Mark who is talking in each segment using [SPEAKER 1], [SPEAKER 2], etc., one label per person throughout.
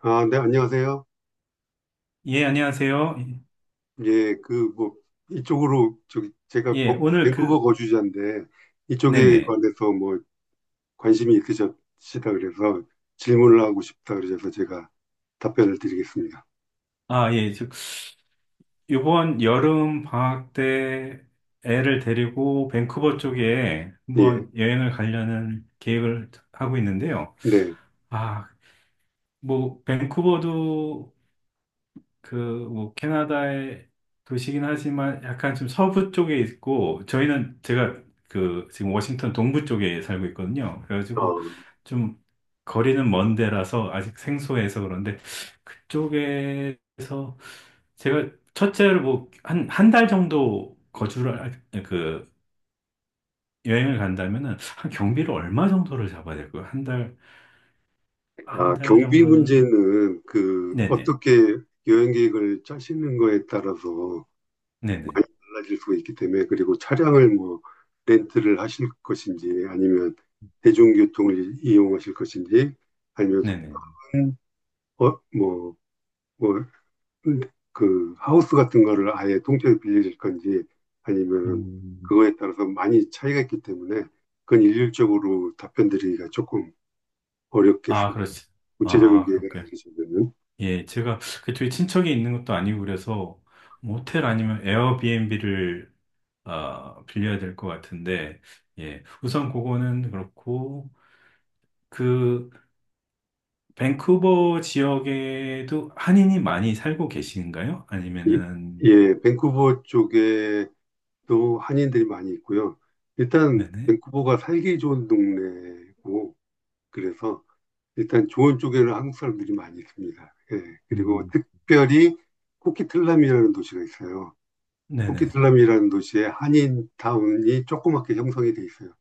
[SPEAKER 1] 아, 네, 안녕하세요.
[SPEAKER 2] 예, 안녕하세요.
[SPEAKER 1] 예, 그, 뭐, 이쪽으로, 저기, 제가
[SPEAKER 2] 예, 오늘
[SPEAKER 1] 밴쿠버
[SPEAKER 2] 그,
[SPEAKER 1] 거주자인데, 이쪽에
[SPEAKER 2] 네네.
[SPEAKER 1] 관해서 뭐, 관심이 있으시다 그래서 질문을 하고 싶다 그러셔서 제가 답변을 드리겠습니다.
[SPEAKER 2] 아, 예, 즉, 이번 여름 방학 때 애를 데리고 밴쿠버 쪽에
[SPEAKER 1] 예,
[SPEAKER 2] 한번 여행을 가려는 계획을 하고 있는데요.
[SPEAKER 1] 네.
[SPEAKER 2] 아, 뭐, 밴쿠버도 그, 뭐, 캐나다의 도시긴 하지만 약간 좀 서부 쪽에 있고, 저희는 제가 그, 지금 워싱턴 동부 쪽에 살고 있거든요.
[SPEAKER 1] 어,
[SPEAKER 2] 그래가지고 좀 거리는 먼 데라서 아직 생소해서 그런데 그쪽에서 제가 첫째로 뭐, 한, 한 달 정도 거주를, 그, 여행을 간다면은 한 경비를 얼마 정도를 잡아야 될까요? 한 달, 한 달
[SPEAKER 1] 경비
[SPEAKER 2] 정도는?
[SPEAKER 1] 문제는 그,
[SPEAKER 2] 네네,
[SPEAKER 1] 어떻게 여행 계획을 짜시는 거에 따라서
[SPEAKER 2] 네네,
[SPEAKER 1] 많이 달라질 수가 있기 때문에, 그리고 차량을 뭐, 렌트를 하실 것인지, 아니면 대중교통을 이용하실 것인지, 아니면
[SPEAKER 2] 네네.
[SPEAKER 1] 음. 어, 뭐, 뭐, 그, 하우스 같은 거를 아예 통째로 빌려줄 건지, 아니면
[SPEAKER 2] 음.
[SPEAKER 1] 그거에 따라서 많이 차이가 있기 때문에, 그건 일률적으로 답변 드리기가 조금
[SPEAKER 2] 아,
[SPEAKER 1] 어렵겠습니다.
[SPEAKER 2] 그렇지.
[SPEAKER 1] 구체적인
[SPEAKER 2] 아,
[SPEAKER 1] 계획을
[SPEAKER 2] 그렇게.
[SPEAKER 1] 알기 전에는.
[SPEAKER 2] 예, 제가 그쪽에 친척이 있는 것도 아니고 그래서 모텔 아니면 에어비앤비를 아, 빌려야 될 것 같은데, 예, 우선 그거는 그렇고, 그, 밴쿠버 지역에도 한인이 많이 살고 계신가요?
[SPEAKER 1] 이-
[SPEAKER 2] 아니면은,
[SPEAKER 1] 예, 밴쿠버 쪽에도 한인들이 많이 있고요. 일단,
[SPEAKER 2] 네네.
[SPEAKER 1] 밴쿠버가 살기 좋은 동네고, 그래서 일단 좋은 쪽에는 한국 사람들이 많이 있습니다. 예, 그리고
[SPEAKER 2] 음.
[SPEAKER 1] 특별히 쿠키틀람이라는 도시가 있어요.
[SPEAKER 2] 네네.
[SPEAKER 1] 쿠키슬람이라는 도시에 한인 타운이 조그맣게 형성이 돼 있어요.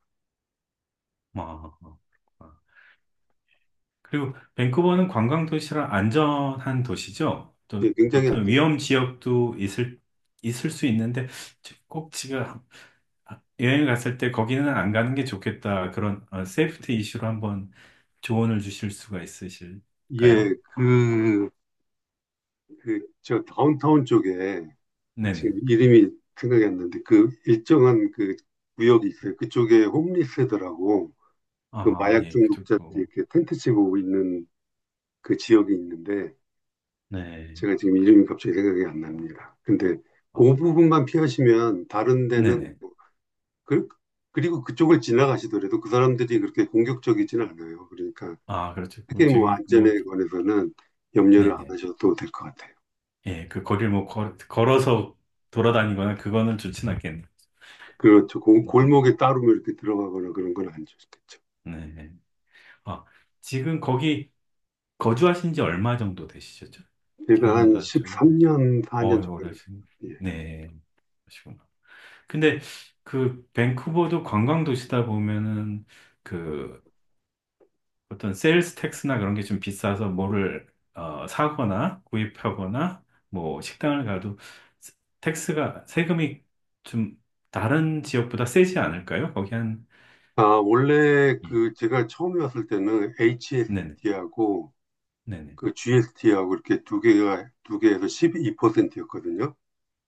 [SPEAKER 2] 아, 아. 그리고 밴쿠버는 관광 도시라 안전한 도시죠.
[SPEAKER 1] 예,
[SPEAKER 2] 또
[SPEAKER 1] 굉장히
[SPEAKER 2] 어떤
[SPEAKER 1] 안전해요.
[SPEAKER 2] 위험 지역도 있을 수 있는데 꼭 지금 여행 갔을 때 거기는 안 가는 게 좋겠다. 그런 세이프티 이슈로 한번 조언을 주실 수가
[SPEAKER 1] 예,
[SPEAKER 2] 있으실까요?
[SPEAKER 1] 그, 저 다운타운 쪽에, 아,
[SPEAKER 2] 네네.
[SPEAKER 1] 지금 이름이 생각이 안 나는데, 그 일정한 그 구역이 있어요. 그쪽에 홈리스들하고 그
[SPEAKER 2] 아,
[SPEAKER 1] 마약
[SPEAKER 2] 예,
[SPEAKER 1] 중독자들이
[SPEAKER 2] 그쪽도.
[SPEAKER 1] 이렇게 텐트 치고 있는 그 지역이 있는데,
[SPEAKER 2] 네.
[SPEAKER 1] 제가 지금 이름이 갑자기 생각이 안 납니다. 근데
[SPEAKER 2] 아,
[SPEAKER 1] 그 부분만 피하시면 다른 데는,
[SPEAKER 2] 네네.
[SPEAKER 1] 뭐 그, 그리고 그쪽을 지나가시더라도 그 사람들이 그렇게 공격적이진 않아요. 그러니까
[SPEAKER 2] 아, 그렇죠. 그
[SPEAKER 1] 크게 뭐
[SPEAKER 2] 저기 뭐
[SPEAKER 1] 안전에 관해서는 염려를 안
[SPEAKER 2] 네네.
[SPEAKER 1] 하셔도 될 것 같아요.
[SPEAKER 2] 예, 그 거리를 뭐 걸어서 돌아다니거나 그거는 좋진 않겠네요. 음,
[SPEAKER 1] 그렇죠.
[SPEAKER 2] 음, 음.
[SPEAKER 1] 골목에 따로 뭐 이렇게 들어가거나 그런 건 안 좋겠죠.
[SPEAKER 2] 네. 아, 지금 거기 거주하신 지 얼마 정도 되시죠?
[SPEAKER 1] 제가 한
[SPEAKER 2] 캐나다 쪽에.
[SPEAKER 1] 13년, 4년
[SPEAKER 2] 오래
[SPEAKER 1] 정도
[SPEAKER 2] 하신.
[SPEAKER 1] 됐어요. 예.
[SPEAKER 2] 네, 그러시구나. 근데 그 밴쿠버도 관광 도시다 보면은 그 어떤 세일스 텍스나 그런 게 좀 비싸서 뭐를 사거나 구입하거나 뭐 식당을 가도 세- 텍스가 세금이 좀 다른 지역보다 세지 않을까요? 거기 한
[SPEAKER 1] 아, 원래
[SPEAKER 2] 예.
[SPEAKER 1] 그 제가 처음에 왔을 때는
[SPEAKER 2] 네네
[SPEAKER 1] HST하고
[SPEAKER 2] 네네
[SPEAKER 1] 그 GST하고 이렇게 두 개가, 두 개에서 12%였거든요.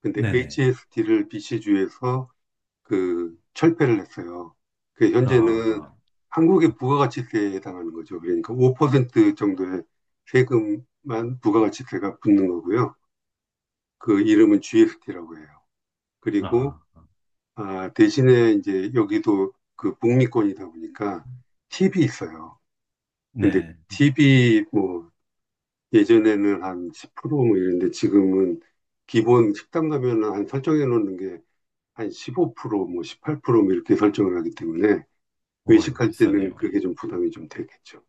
[SPEAKER 1] 근데
[SPEAKER 2] 네네
[SPEAKER 1] HST를 BC주에서 그 철폐를 했어요. 그 현재는
[SPEAKER 2] 아
[SPEAKER 1] 한국의 부가가치세에 해당하는 거죠. 그러니까 5% 정도의 세금만 부가가치세가 붙는 거고요. 그 이름은 GST라고 해요. 그리고
[SPEAKER 2] 아, 아.
[SPEAKER 1] 아, 대신에 이제 여기도 그 북미권이다 보니까 팁이 있어요. 근데
[SPEAKER 2] 네.
[SPEAKER 1] 팁이 뭐 예전에는 한 10%뭐 이랬는데 지금은 기본 식당 가면은 한 설정해 놓는 게 한 15%뭐 18%뭐 이렇게 설정을 하기 때문에
[SPEAKER 2] 어휴,
[SPEAKER 1] 외식할 때는
[SPEAKER 2] 비싸네요.
[SPEAKER 1] 그게
[SPEAKER 2] 예.
[SPEAKER 1] 좀 부담이 좀 되겠죠.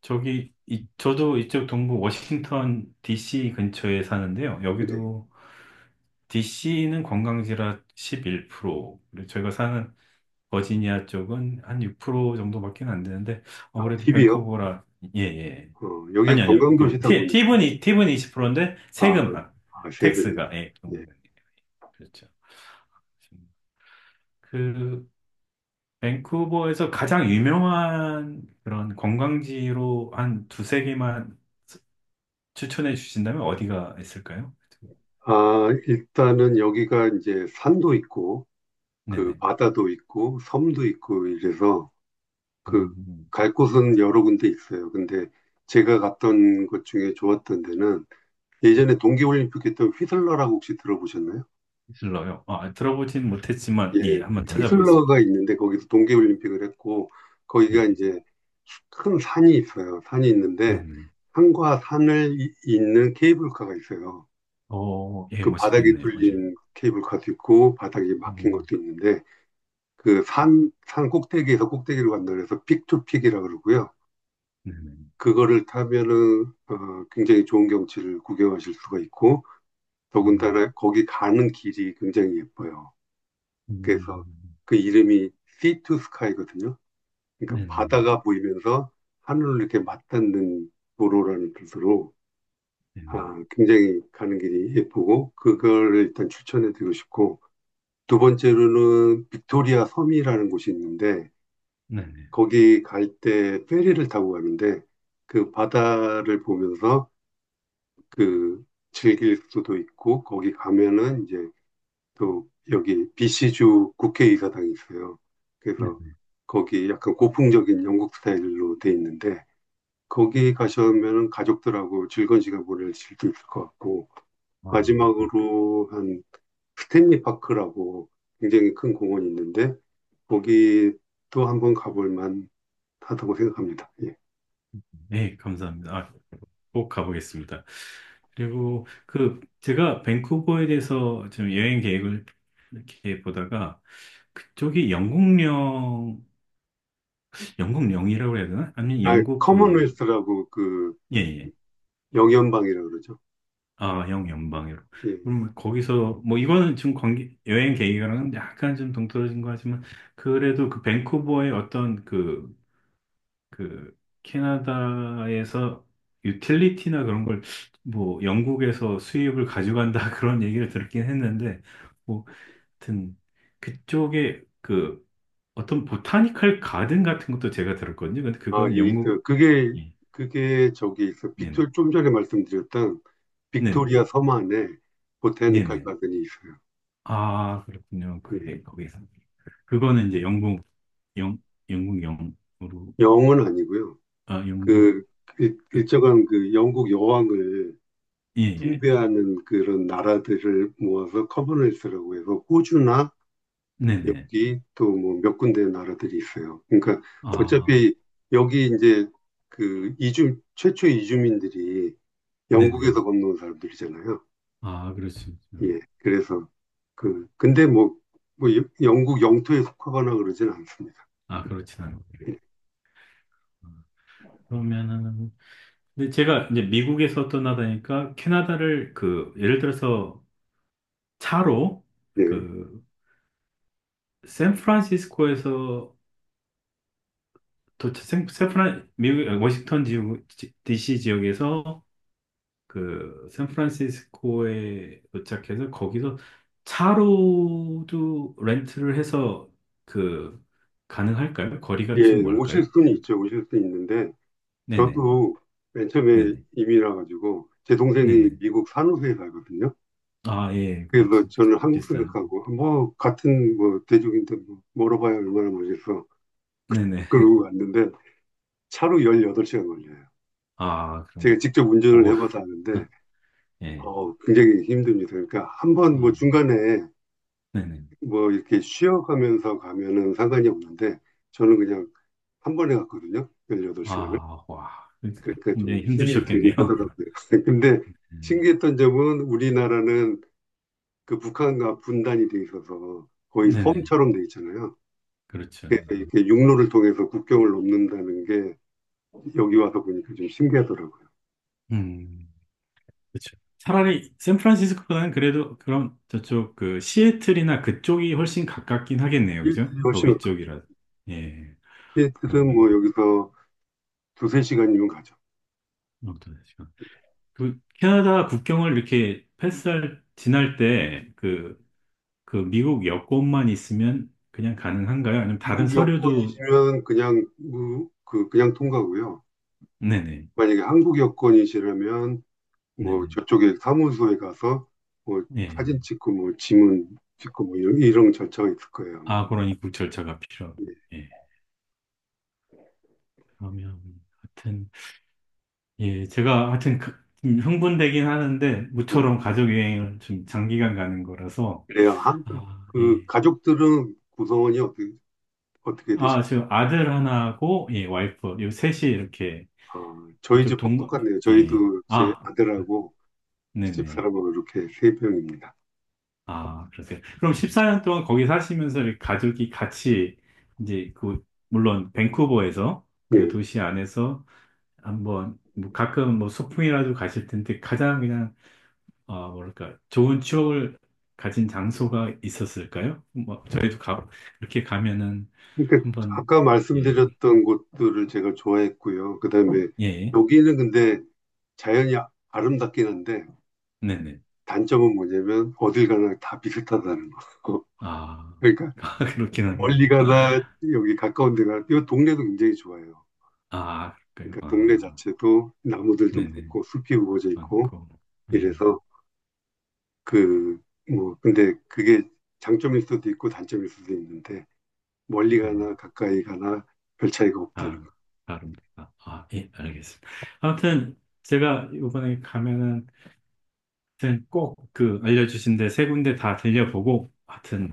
[SPEAKER 2] 저기, 이, 저도 이쪽 동부 워싱턴 DC 근처에 사는데요.
[SPEAKER 1] 네.
[SPEAKER 2] 여기도 DC는 관광지라 11%, 그리고 저희가 사는 버지니아 쪽은 한 6% 정도밖에 안 되는데,
[SPEAKER 1] 아,
[SPEAKER 2] 그래도
[SPEAKER 1] 팁이요?
[SPEAKER 2] 밴쿠버라, 예, 예.
[SPEAKER 1] 어, 여기가
[SPEAKER 2] 아니, 아니요. 그,
[SPEAKER 1] 관광도시다 보니까,
[SPEAKER 2] 팁은 20%인데,
[SPEAKER 1] 아,
[SPEAKER 2] 세금만,
[SPEAKER 1] 아, 세금이.
[SPEAKER 2] 텍스가, 예, 그
[SPEAKER 1] 네.
[SPEAKER 2] 정도는. 그렇죠. 그, 밴쿠버에서 가장 유명한 그런 관광지로 한 두세 개만 추천해 주신다면 어디가 있을까요?
[SPEAKER 1] 아, 일단은 여기가 이제 산도 있고, 그
[SPEAKER 2] 네네.
[SPEAKER 1] 바다도 있고, 섬도 있고 이래서, 그,
[SPEAKER 2] 음,
[SPEAKER 1] 갈 곳은 여러 군데 있어요. 근데 제가 갔던 곳 중에 좋았던 데는 예전에 동계올림픽 했던 휘슬러라고 혹시 들어보셨나요?
[SPEAKER 2] 슬러요. 아, 들어보진 못했지만,
[SPEAKER 1] 예,
[SPEAKER 2] 예, 한번
[SPEAKER 1] 휘슬러가
[SPEAKER 2] 찾아보겠습니다.
[SPEAKER 1] 있는데 거기서 동계올림픽을 했고 거기가
[SPEAKER 2] 네네.
[SPEAKER 1] 이제 큰 산이 있어요. 산이 있는데
[SPEAKER 2] 네네.
[SPEAKER 1] 산과 산을 잇는 케이블카가 있어요.
[SPEAKER 2] 오, 예,
[SPEAKER 1] 그 바닥이
[SPEAKER 2] 멋있겠네요. 예.
[SPEAKER 1] 뚫린 케이블카도 있고 바닥이 막힌
[SPEAKER 2] 음,
[SPEAKER 1] 것도 있는데 그 산, 산 꼭대기에서 꼭대기로 간다 그래서 픽투픽이라 그러고요.
[SPEAKER 2] 네네.
[SPEAKER 1] 그거를 타면은 어, 굉장히 좋은 경치를 구경하실 수가 있고
[SPEAKER 2] 음,
[SPEAKER 1] 더군다나 거기 가는 길이 굉장히 예뻐요.
[SPEAKER 2] 음,
[SPEAKER 1] 그래서 그 이름이 Sea to Sky거든요. 그러니까
[SPEAKER 2] 네네.
[SPEAKER 1] 바다가 보이면서 하늘로 이렇게 맞닿는 도로라는 뜻으로
[SPEAKER 2] 네네.
[SPEAKER 1] 아, 굉장히 가는 길이 예쁘고 그걸 일단 추천해 드리고 싶고 두 번째로는 빅토리아 섬이라는 곳이 있는데
[SPEAKER 2] 네네.
[SPEAKER 1] 거기 갈 때 페리를 타고 가는데 그 바다를 보면서 그 즐길 수도 있고 거기 가면은 이제 또 여기 BC주 국회의사당이 있어요. 그래서
[SPEAKER 2] 네네.
[SPEAKER 1] 거기 약간 고풍적인 영국 스타일로 돼 있는데 거기 가시면 가족들하고 즐거운 시간 보내실 수 있을 것 같고,
[SPEAKER 2] 아, 예.
[SPEAKER 1] 마지막으로 한 스탠리 파크라고 굉장히 큰 공원이 있는데, 거기도 한번 가볼 만 하다고 생각합니다. 예.
[SPEAKER 2] 예, 감사합니다. 아, 꼭 가보겠습니다. 그리고 그, 제가 밴쿠버에 대해서 좀 여행 계획을 이렇게 보다가, 그쪽이 영국령 영국 영이라고 해야 되나? 아니 면
[SPEAKER 1] 아,
[SPEAKER 2] 영국 그
[SPEAKER 1] 커먼웰스라고 그
[SPEAKER 2] 예, 예.
[SPEAKER 1] 영연방이라고 그러죠.
[SPEAKER 2] 아, 영 연방으로.
[SPEAKER 1] 예,
[SPEAKER 2] 그럼
[SPEAKER 1] 예.
[SPEAKER 2] 뭐 거기서 뭐 이거는 좀 관계 여행 계획이랑은 약간 좀 동떨어진 거 하지만 그래도 그 밴쿠버의 어떤 그 캐나다에서 유틸리티나 그런 걸 뭐 영국에서 수입을 가져간다 그런 얘기를 들었긴 했는데 뭐 하여튼 그쪽에 그 어떤 보타니컬 가든 같은 것도 제가 들었거든요. 근데
[SPEAKER 1] 아,
[SPEAKER 2] 그거는
[SPEAKER 1] 예,
[SPEAKER 2] 영국
[SPEAKER 1] 그, 그게,
[SPEAKER 2] 예.
[SPEAKER 1] 그게 저기 있어. 빅
[SPEAKER 2] 네네.
[SPEAKER 1] 토 좀 전에 말씀드렸던
[SPEAKER 2] 네네.
[SPEAKER 1] 빅토리아 섬 안에 보타니컬
[SPEAKER 2] 네네.
[SPEAKER 1] 가든이 있어요.
[SPEAKER 2] 아, 그렇군요.
[SPEAKER 1] 예.
[SPEAKER 2] 그게 거기서. 그거는 이제 영국, 영, 영국 영으로,
[SPEAKER 1] 영은 아니고요.
[SPEAKER 2] 아, 영국,
[SPEAKER 1] 그 일정한 그 영국 여왕을
[SPEAKER 2] 예, 예.
[SPEAKER 1] 숭배하는 그런 나라들을 모아서 커먼웰스라고 해서 호주나
[SPEAKER 2] 네네.
[SPEAKER 1] 여기 또 뭐 몇 군데 나라들이 있어요. 그러니까
[SPEAKER 2] 아,
[SPEAKER 1] 어차피 여기 이제 그 이주 최초 이주민들이
[SPEAKER 2] 네네.
[SPEAKER 1] 영국에서 건너온 사람들이잖아요.
[SPEAKER 2] 아, 그렇죠.
[SPEAKER 1] 예. 그래서 그 근데 뭐 영국 영토에 속하거나 그러진 않습니다.
[SPEAKER 2] 아, 그렇진 않아요. 아, 그러면은, 근데 제가 이제 미국에서 떠나다니까 캐나다를 그, 예를 들어서 차로
[SPEAKER 1] 예.
[SPEAKER 2] 그, 샌프란시스코에서 도착, 미국, 워싱턴 지역, DC 지역에서 그 샌프란시스코에 도착해서 거기서 차로도 렌트를 해서 그 가능할까요? 거리가
[SPEAKER 1] 예,
[SPEAKER 2] 좀
[SPEAKER 1] 오실
[SPEAKER 2] 멀까요?
[SPEAKER 1] 수는 있죠. 오실 수는 있는데
[SPEAKER 2] 네네,
[SPEAKER 1] 저도 맨 처음에
[SPEAKER 2] 네네,
[SPEAKER 1] 이민 와가지고 제 동생이
[SPEAKER 2] 네네.
[SPEAKER 1] 미국 산호세에 살거든요.
[SPEAKER 2] 아, 예,
[SPEAKER 1] 그래서
[SPEAKER 2] 그렇죠.
[SPEAKER 1] 저는 한국
[SPEAKER 2] 비슷한.
[SPEAKER 1] 생각하고 뭐 같은 뭐 대륙인데 뭐 멀어봐야 얼마나 멀겠어
[SPEAKER 2] 네네.
[SPEAKER 1] 그러고 갔는데 차로 18시간 걸려요.
[SPEAKER 2] 아, 그럼요.
[SPEAKER 1] 제가 직접 운전을
[SPEAKER 2] 어휴,
[SPEAKER 1] 해봐서 아는데
[SPEAKER 2] 예.
[SPEAKER 1] 어, 굉장히 힘듭니다. 그러니까 한번
[SPEAKER 2] 아,
[SPEAKER 1] 뭐 중간에
[SPEAKER 2] 네네.
[SPEAKER 1] 뭐 이렇게 쉬어가면서 가면은 상관이 없는데 저는 그냥 한 번에 갔거든요. 18시간을.
[SPEAKER 2] 아, 와.
[SPEAKER 1] 그렇게
[SPEAKER 2] 굉장히
[SPEAKER 1] 좀 힘이 들긴
[SPEAKER 2] 힘드셨겠네요.
[SPEAKER 1] 하더라고요. 근데
[SPEAKER 2] 음,
[SPEAKER 1] 신기했던 점은 우리나라는 그 북한과 분단이 돼 있어서 거의
[SPEAKER 2] 네네.
[SPEAKER 1] 섬처럼 돼 있잖아요.
[SPEAKER 2] 그렇죠.
[SPEAKER 1] 그래서 이렇게 육로를 통해서 국경을 넘는다는 게 여기 와서 보니까 좀 신기하더라고요.
[SPEAKER 2] 음. 그쵸. 차라리 샌프란시스코보다는 그래도 그럼 저쪽 그 시애틀이나 그쪽이 훨씬 가깝긴 하겠네요. 그죠?
[SPEAKER 1] 시애틀이
[SPEAKER 2] 더
[SPEAKER 1] 훨씬 가깝죠.
[SPEAKER 2] 위쪽이라. 예.
[SPEAKER 1] 시애틀은 뭐
[SPEAKER 2] 그러면은
[SPEAKER 1] 여기서 두세 시간이면 가죠.
[SPEAKER 2] 어떤 시간. 그 캐나다 국경을 이렇게 패스할 지날 때
[SPEAKER 1] 예.
[SPEAKER 2] 그 미국 여권만 있으면 그냥 가능한가요? 아니면 다른
[SPEAKER 1] 미국
[SPEAKER 2] 서류도
[SPEAKER 1] 여권이시면 그냥 그 그냥 통과고요.
[SPEAKER 2] 네네.
[SPEAKER 1] 만약에 한국 여권이시라면 뭐
[SPEAKER 2] 네네.
[SPEAKER 1] 저쪽에 사무소에 가서 뭐 사진
[SPEAKER 2] 예.
[SPEAKER 1] 찍고 뭐 지문 찍고 뭐 이런 절차가 있을 거예요 아마.
[SPEAKER 2] 아, 그러니 국 절차가 필요하고.
[SPEAKER 1] 예.
[SPEAKER 2] 예. 그러면 같은 예, 제가 하여튼 좀 흥분되긴 하는데,
[SPEAKER 1] 음,
[SPEAKER 2] 모처럼 가족여행을 좀 장기간 가는 거라서,
[SPEAKER 1] 그래요. 한,
[SPEAKER 2] 아,
[SPEAKER 1] 그
[SPEAKER 2] 예.
[SPEAKER 1] 가족들은 구성원이 어떻게
[SPEAKER 2] 아,
[SPEAKER 1] 되실까요?
[SPEAKER 2] 지금 아들 하나하고, 예, 와이프, 요 셋이 이렇게,
[SPEAKER 1] 아, 저희
[SPEAKER 2] 이쪽
[SPEAKER 1] 집하
[SPEAKER 2] 동,
[SPEAKER 1] 똑같네요.
[SPEAKER 2] 예.
[SPEAKER 1] 저희도 제
[SPEAKER 2] 아,
[SPEAKER 1] 아들하고
[SPEAKER 2] 네네.
[SPEAKER 1] 집사람하고 이렇게 세 명입니다.
[SPEAKER 2] 아, 그러세요. 그럼 14년 동안 거기 사시면서 이렇게 가족이 같이, 이제 그, 물론 밴쿠버에서,
[SPEAKER 1] 예.
[SPEAKER 2] 그 도시 안에서 한번, 뭐 가끔 뭐 소풍이라도 가실 텐데, 가장 그냥 아, 뭐랄까, 좋은 추억을 가진 장소가 있었을까요? 뭐, 저희도 이렇게 가면은
[SPEAKER 1] 그러니까
[SPEAKER 2] 한번,
[SPEAKER 1] 아까
[SPEAKER 2] 예,
[SPEAKER 1] 말씀드렸던 곳들을 제가 좋아했고요. 그다음에
[SPEAKER 2] 예,
[SPEAKER 1] 여기는 근데 자연이 아름답긴 한데
[SPEAKER 2] 네네.
[SPEAKER 1] 단점은 뭐냐면 어딜 가나 다 비슷하다는 거.
[SPEAKER 2] 아,
[SPEAKER 1] 그러니까
[SPEAKER 2] 아, 그렇긴 하겠네요.
[SPEAKER 1] 멀리 가나 여기 가까운 데 가나 이 동네도 굉장히 좋아요.
[SPEAKER 2] 아,
[SPEAKER 1] 그러니까
[SPEAKER 2] 그럴까요?
[SPEAKER 1] 동네
[SPEAKER 2] 아,
[SPEAKER 1] 자체도 나무들도
[SPEAKER 2] 네네.
[SPEAKER 1] 많고 숲이 우거져 있고
[SPEAKER 2] 많고, 예,
[SPEAKER 1] 이래서 그 뭐 근데 그게 장점일 수도 있고 단점일 수도 있는데 멀리
[SPEAKER 2] 예,
[SPEAKER 1] 가나 가까이 가나 별 차이가 없다는 거.
[SPEAKER 2] 다, 다릅니다. 아, 예, 알겠습니다. 아무튼, 제가 이번에 가면은, 아무튼 꼭 그 알려주신 데 세 군데 다 들려보고, 하여튼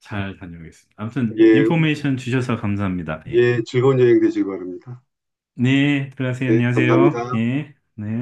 [SPEAKER 2] 잘 다녀오겠습니다. 아무튼,
[SPEAKER 1] 예,
[SPEAKER 2] 인포메이션 주셔서 감사합니다. 예.
[SPEAKER 1] 예, 즐거운 여행 되시기 바랍니다.
[SPEAKER 2] 네, 들어가세요.
[SPEAKER 1] 네,
[SPEAKER 2] 안녕하세요.
[SPEAKER 1] 감사합니다.
[SPEAKER 2] 예, 네.